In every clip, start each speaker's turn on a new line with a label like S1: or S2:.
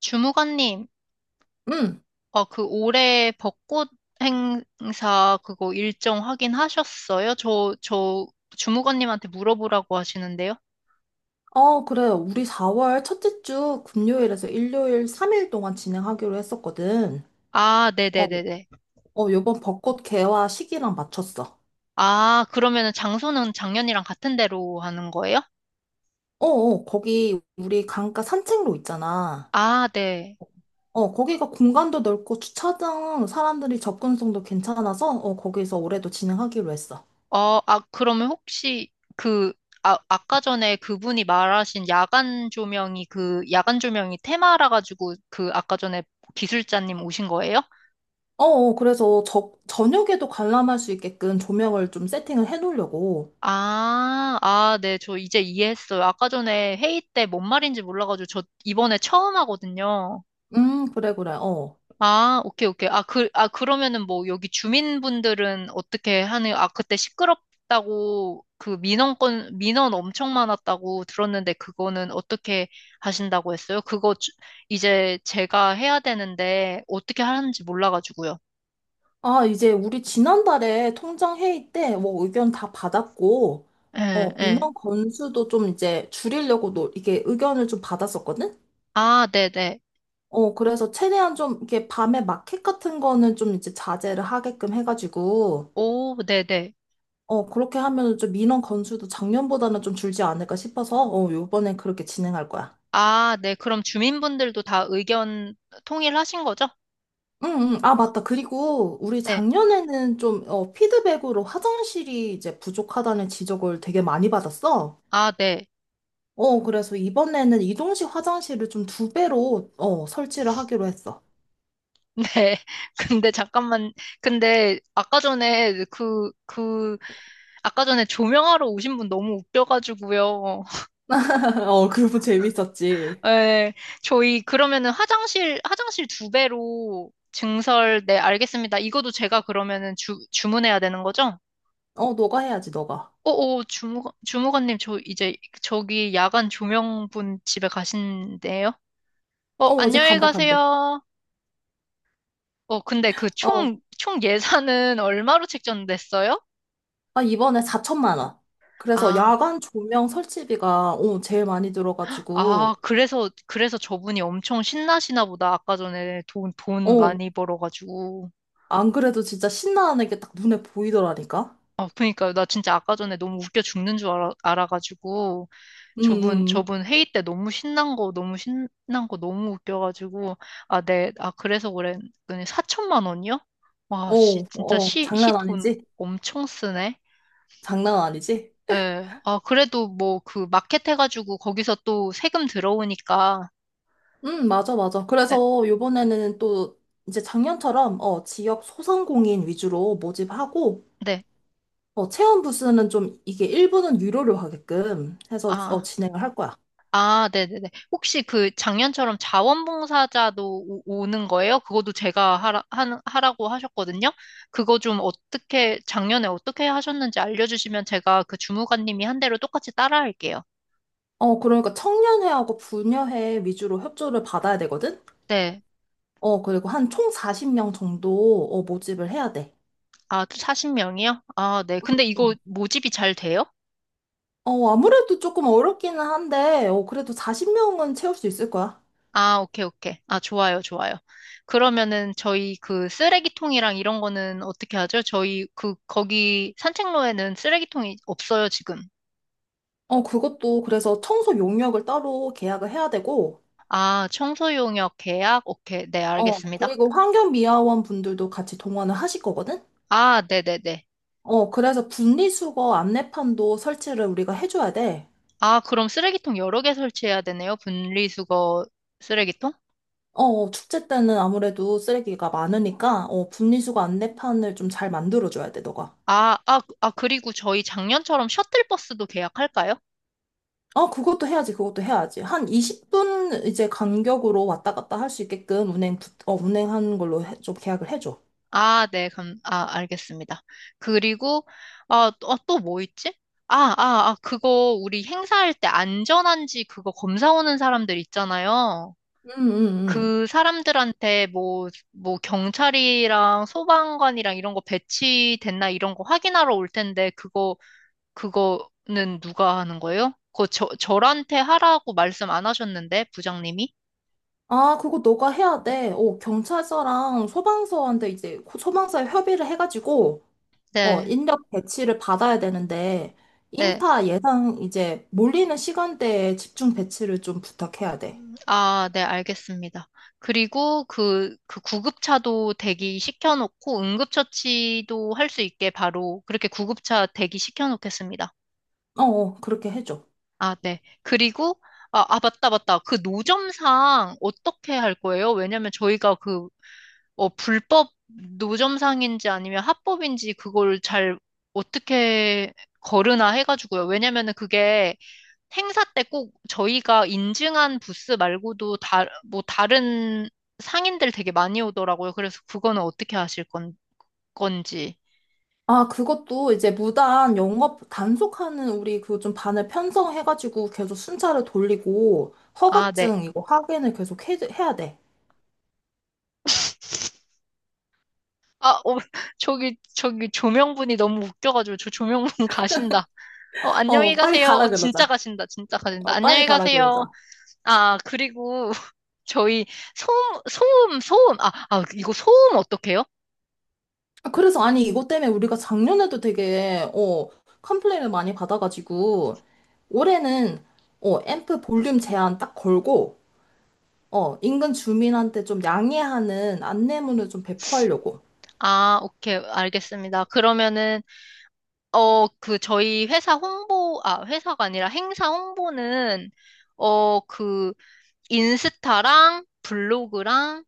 S1: 주무관님,
S2: 응.
S1: 올해 벚꽃 행사 그거 일정 확인하셨어요? 저 주무관님한테 물어보라고 하시는데요.
S2: 그래. 우리 4월 첫째 주 금요일에서 일요일 3일 동안 진행하기로 했었거든.
S1: 아,
S2: 어,
S1: 네네네네.
S2: 요번 벚꽃 개화 시기랑 맞췄어.
S1: 아, 그러면은 장소는 작년이랑 같은 데로 하는 거예요?
S2: 거기 우리 강가 산책로 있잖아.
S1: 아, 네.
S2: 거기가 공간도 넓고 주차장 사람들이 접근성도 괜찮아서 거기서 올해도 진행하기로 했어.
S1: 그러면 혹시 그, 아까 전에 그분이 말하신 야간 조명이 야간 조명이 테마라 가지고 아까 전에 기술자님 오신 거예요?
S2: 그래서 저녁에도 관람할 수 있게끔 조명을 좀 세팅을 해놓으려고.
S1: 네, 저 이제 이해했어요. 아까 전에 회의 때 뭔 말인지 몰라가지고 저 이번에 처음 하거든요.
S2: 그래, 그래. 어.
S1: 아, 오케이, 오케이. 아, 그러면은 뭐 여기 주민분들은 어떻게 하는, 아, 그때 시끄럽다고 그 민원 엄청 많았다고 들었는데 그거는 어떻게 하신다고 했어요? 그거 이제 제가 해야 되는데 어떻게 하는지 몰라가지고요.
S2: 아, 이제 우리 지난달에 통장 회의 때 뭐 의견 다 받았고,
S1: 예, 예.
S2: 민원 건수도 좀 이제 줄이려고 이게 의견을 좀 받았었거든?
S1: 아, 네네.
S2: 그래서 최대한 좀 이렇게 밤에 마켓 같은 거는 좀 이제 자제를 하게끔 해가지고,
S1: 오, 네네.
S2: 그렇게 하면 좀 민원 건수도 작년보다는 좀 줄지 않을까 싶어서, 요번엔 그렇게 진행할 거야.
S1: 아, 네. 그럼 주민분들도 다 의견 통일하신 거죠?
S2: 응, 응, 아, 맞다. 그리고 우리
S1: 네.
S2: 작년에는 좀, 피드백으로 화장실이 이제 부족하다는 지적을 되게 많이 받았어.
S1: 아, 네.
S2: 그래서 이번에는 이동식 화장실을 좀 2배로, 설치를 하기로 했어.
S1: 네. 근데 잠깐만. 근데 아까 전에 조명하러 오신 분 너무 웃겨가지고요.
S2: 그고 재밌었지.
S1: 네. 저희 그러면은 화장실 두 배로 증설, 네, 알겠습니다. 이것도 제가 그러면은 주문해야 되는 거죠?
S2: 너가 해야지, 너가.
S1: 오오, 주무관님, 저 이제 저기 야간 조명분 집에 가신대요?
S2: 뭐 이제
S1: 안녕히
S2: 간대, 간대.
S1: 가세요. 근데 그
S2: 어,
S1: 총 예산은 얼마로 책정됐어요?
S2: 아, 이번에 4천만 원. 그래서
S1: 아,
S2: 야간 조명 설치비가, 제일 많이 들어가지고,
S1: 그래서 저분이 엄청 신나시나 보다. 아까 전에 돈
S2: 어,
S1: 많이 벌어가지고.
S2: 안 그래도 진짜 신나는 게 딱 눈에 보이더라니까?
S1: 아, 그니까요. 나 진짜 아까 전에 너무 웃겨 죽는 줄 알아가지고.
S2: 응, 응.
S1: 저분 회의 때 너무 신난 거, 너무 신난 거 너무 웃겨가지고. 아, 네. 아, 그래서 그래. 4천만 원이요? 와, 씨, 진짜 시
S2: 장난
S1: 돈
S2: 아니지?
S1: 엄청 쓰네.
S2: 장난 아니지?
S1: 예. 아, 그래도 뭐 그 마켓 해가지고 거기서 또 세금 들어오니까.
S2: 맞아, 맞아.
S1: 예,
S2: 그래서 요번에는 또 이제 작년처럼 지역 소상공인 위주로 모집하고
S1: 네.
S2: 체험 부스는 좀 이게 일부는 유료로 하게끔 해서
S1: 아,
S2: 진행을 할 거야.
S1: 네네네. 혹시 그 작년처럼 자원봉사자도 오는 거예요? 그것도 제가 하라고 하셨거든요. 그거 좀 어떻게, 작년에 어떻게 하셨는지 알려주시면 제가 그 주무관님이 한 대로 똑같이 따라 할게요.
S2: 그러니까 청년회하고 부녀회 위주로 협조를 받아야 되거든?
S1: 네.
S2: 그리고 한 총 40명 정도 모집을 해야 돼.
S1: 아, 40명이요? 아, 네. 근데 이거
S2: 음.
S1: 모집이 잘 돼요?
S2: 아무래도 조금 어렵기는 한데, 그래도 40명은 채울 수 있을 거야.
S1: 아, 오케이, 오케이. 아, 좋아요, 좋아요. 그러면은 저희 그 쓰레기통이랑 이런 거는 어떻게 하죠? 저희 거기 산책로에는 쓰레기통이 없어요, 지금.
S2: 그것도 그래서 청소 용역을 따로 계약을 해야 되고,
S1: 아, 청소용역 계약? 오케이. 네, 알겠습니다.
S2: 그리고 환경미화원 분들도 같이 동원을 하실 거거든?
S1: 아, 네네네.
S2: 그래서 분리수거 안내판도 설치를 우리가 해줘야 돼.
S1: 아, 그럼 쓰레기통 여러 개 설치해야 되네요. 분리수거 쓰레기통?
S2: 축제 때는 아무래도 쓰레기가 많으니까, 분리수거 안내판을 좀 잘 만들어줘야 돼, 너가.
S1: 그리고 저희 작년처럼 셔틀버스도 계약할까요?
S2: 그것도 해야지, 그것도 해야지. 한 20분 이제 간격으로 왔다 갔다 할 수 있게끔 운행하는 걸로 좀 계약을 해줘.
S1: 아, 네, 알겠습니다. 그리고, 또, 뭐 있지? 그거, 우리 행사할 때 안전한지 그거 검사 오는 사람들 있잖아요.
S2: 응, 응, 응.
S1: 그 사람들한테 뭐, 경찰이랑 소방관이랑 이런 거 배치됐나 이런 거 확인하러 올 텐데, 그거는 누가 하는 거예요? 그거 저한테 하라고 말씀 안 하셨는데, 부장님이?
S2: 아, 그거 너가 해야 돼. 경찰서랑 소방서한테 이제 소방서에 협의를 해가지고,
S1: 네,
S2: 인력 배치를 받아야 되는데,
S1: 네.
S2: 인파 예상 이제 몰리는 시간대에 집중 배치를 좀 부탁해야 돼.
S1: 아, 네, 알겠습니다. 그리고 그 구급차도 대기 시켜놓고 응급처치도 할 수 있게 바로 그렇게 구급차 대기 시켜놓겠습니다.
S2: 그렇게 해줘.
S1: 아, 네. 그리고, 맞다, 맞다. 그 노점상 어떻게 할 거예요? 왜냐면 저희가 불법 노점상인지 아니면 합법인지 그걸 잘 어떻게 거르나 해가지고요. 왜냐면은 그게 행사 때 꼭 저희가 인증한 부스 말고도 다, 뭐 다른 상인들 되게 많이 오더라고요. 그래서 그거는 어떻게 건지.
S2: 아, 그것도 이제 무단 영업 단속하는 우리 그 좀 반을 편성해가지고 계속 순찰을 돌리고
S1: 아, 네.
S2: 허가증 이거 확인을 계속 해야 돼.
S1: 아, 어, 저기 조명분이 너무 웃겨가지고 저 조명분 가신다. 안녕히
S2: 빨리
S1: 가세요.
S2: 가라
S1: 진짜
S2: 그러자.
S1: 가신다. 진짜 가신다.
S2: 빨리
S1: 안녕히
S2: 가라 그러자.
S1: 가세요. 아, 그리고 저희 소음, 소음, 소음. 이거 소음 어떡해요?
S2: 아, 그래서 아니 이것 때문에 우리가 작년에도 되게 컴플레인을 많이 받아가지고 올해는 앰프 볼륨 제한 딱 걸고 인근 주민한테 좀 양해하는 안내문을 좀 배포하려고.
S1: 아, 오케이. 알겠습니다. 그러면은 저희 회사가 아니라 행사 홍보는, 어, 그, 인스타랑 블로그랑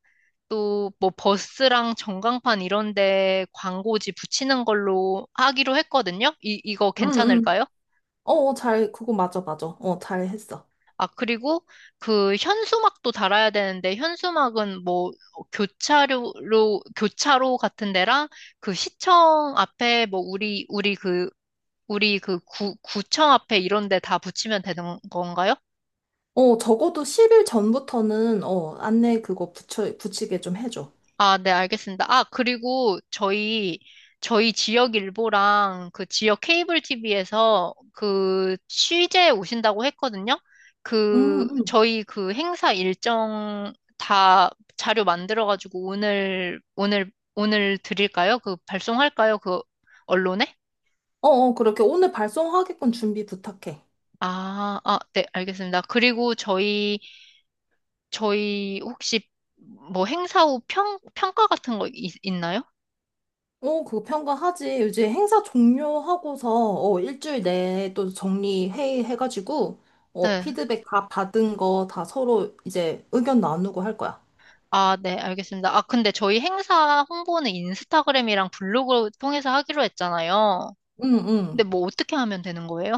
S1: 또 뭐 버스랑 전광판 이런 데 광고지 붙이는 걸로 하기로 했거든요? 이거
S2: 응, 응.
S1: 괜찮을까요?
S2: 어잘 그거 맞아 맞아 잘 했어.
S1: 아, 그리고 그 현수막도 달아야 되는데, 현수막은 뭐 교차로, 교차로 같은 데랑 그 시청 앞에 뭐 우리 그 구청 앞에 이런 데 다 붙이면 되는 건가요?
S2: 적어도 10일 전부터는 안내 그거 붙여 붙이게 좀 해줘.
S1: 아, 네, 알겠습니다. 아, 그리고 저희 지역 일보랑 그 지역 케이블 TV에서 그 취재 오신다고 했거든요.
S2: 응응.
S1: 저희 그 행사 일정 다 자료 만들어가지고 오늘 드릴까요? 그 발송할까요? 언론에?
S2: 그렇게 오늘 발송하게끔 준비 부탁해.
S1: 네, 알겠습니다. 그리고 저희 혹시 뭐 행사 후 평가 같은 거 있나요?
S2: 그거 평가하지. 요즘 행사 종료하고서, 일주일 내에 또 정리 회의 해가지고,
S1: 네.
S2: 피드백 다 받은 거 다 서로 이제 의견 나누고 할 거야.
S1: 아, 네, 알겠습니다. 아, 근데 저희 행사 홍보는 인스타그램이랑 블로그 통해서 하기로 했잖아요.
S2: 응,
S1: 근데
S2: 응.
S1: 뭐 어떻게 하면 되는 거예요?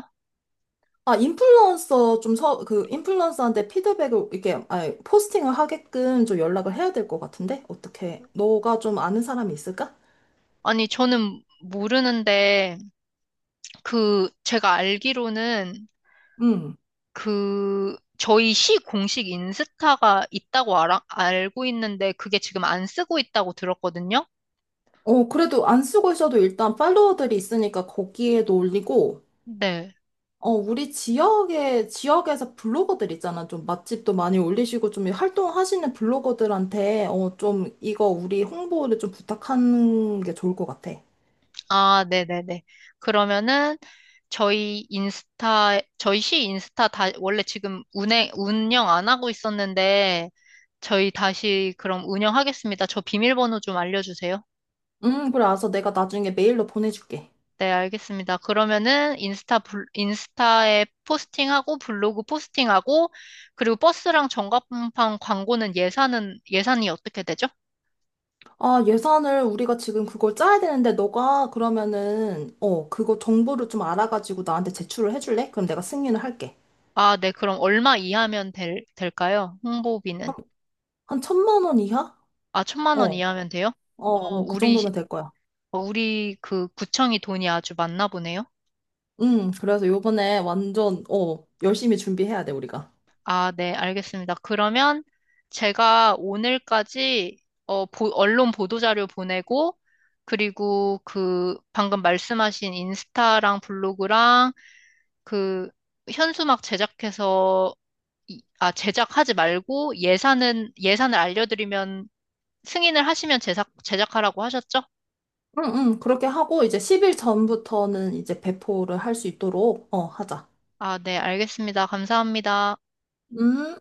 S2: 아, 인플루언서 좀 인플루언서한테 피드백을, 이렇게, 아니, 포스팅을 하게끔 좀 연락을 해야 될 것 같은데? 어떻게, 너가 좀 아는 사람이 있을까?
S1: 아니, 저는 모르는데, 제가 알기로는
S2: 응.
S1: 저희 시 공식 인스타가 있다고 알고 있는데, 그게 지금 안 쓰고 있다고 들었거든요?
S2: 그래도 안 쓰고 있어도 일단 팔로워들이 있으니까 거기에도 올리고,
S1: 네.
S2: 우리 지역에서 블로거들 있잖아. 좀 맛집도 많이 올리시고, 좀 활동하시는 블로거들한테, 좀 이거 우리 홍보를 좀 부탁하는 게 좋을 것 같아.
S1: 아, 네네네. 그러면은 저희 시 인스타 다, 원래 지금 운영 안 하고 있었는데 저희 다시 그럼 운영하겠습니다. 저 비밀번호 좀 알려주세요.
S2: 그래. 알았어. 내가 나중에 메일로 보내줄게.
S1: 네, 알겠습니다. 그러면은 인스타에 포스팅하고 블로그 포스팅하고 그리고 버스랑 전광판 광고는 예산이 어떻게 되죠?
S2: 아, 예산을 우리가 지금 그걸 짜야 되는데, 너가 그러면은, 그거 정보를 좀 알아가지고 나한테 제출을 해줄래? 그럼 내가 승인을 할게.
S1: 아, 네, 그럼 얼마 이하면 될까요? 홍보비는.
S2: 한 1,000만 원 이하?
S1: 아, 천만
S2: 어,
S1: 원
S2: 어,
S1: 이하면 돼요? 어,
S2: 그
S1: 우리
S2: 정도면 될 거야.
S1: 우리 그 구청이 돈이 아주 많나 보네요.
S2: 그래서 요번에 완전, 열심히 준비해야 돼, 우리가.
S1: 아, 네, 알겠습니다. 그러면 제가 오늘까지 언론 보도자료 보내고 그리고 그 방금 말씀하신 인스타랑 블로그랑 그 현수막 제작하지 말고 예산은 예산을 알려드리면 승인을 하시면 제작하라고 하셨죠?
S2: 응, 응, 그렇게 하고 이제 10일 전부터는 이제 배포를 할 수 있도록 하자.
S1: 아, 네, 알겠습니다. 감사합니다.
S2: 음.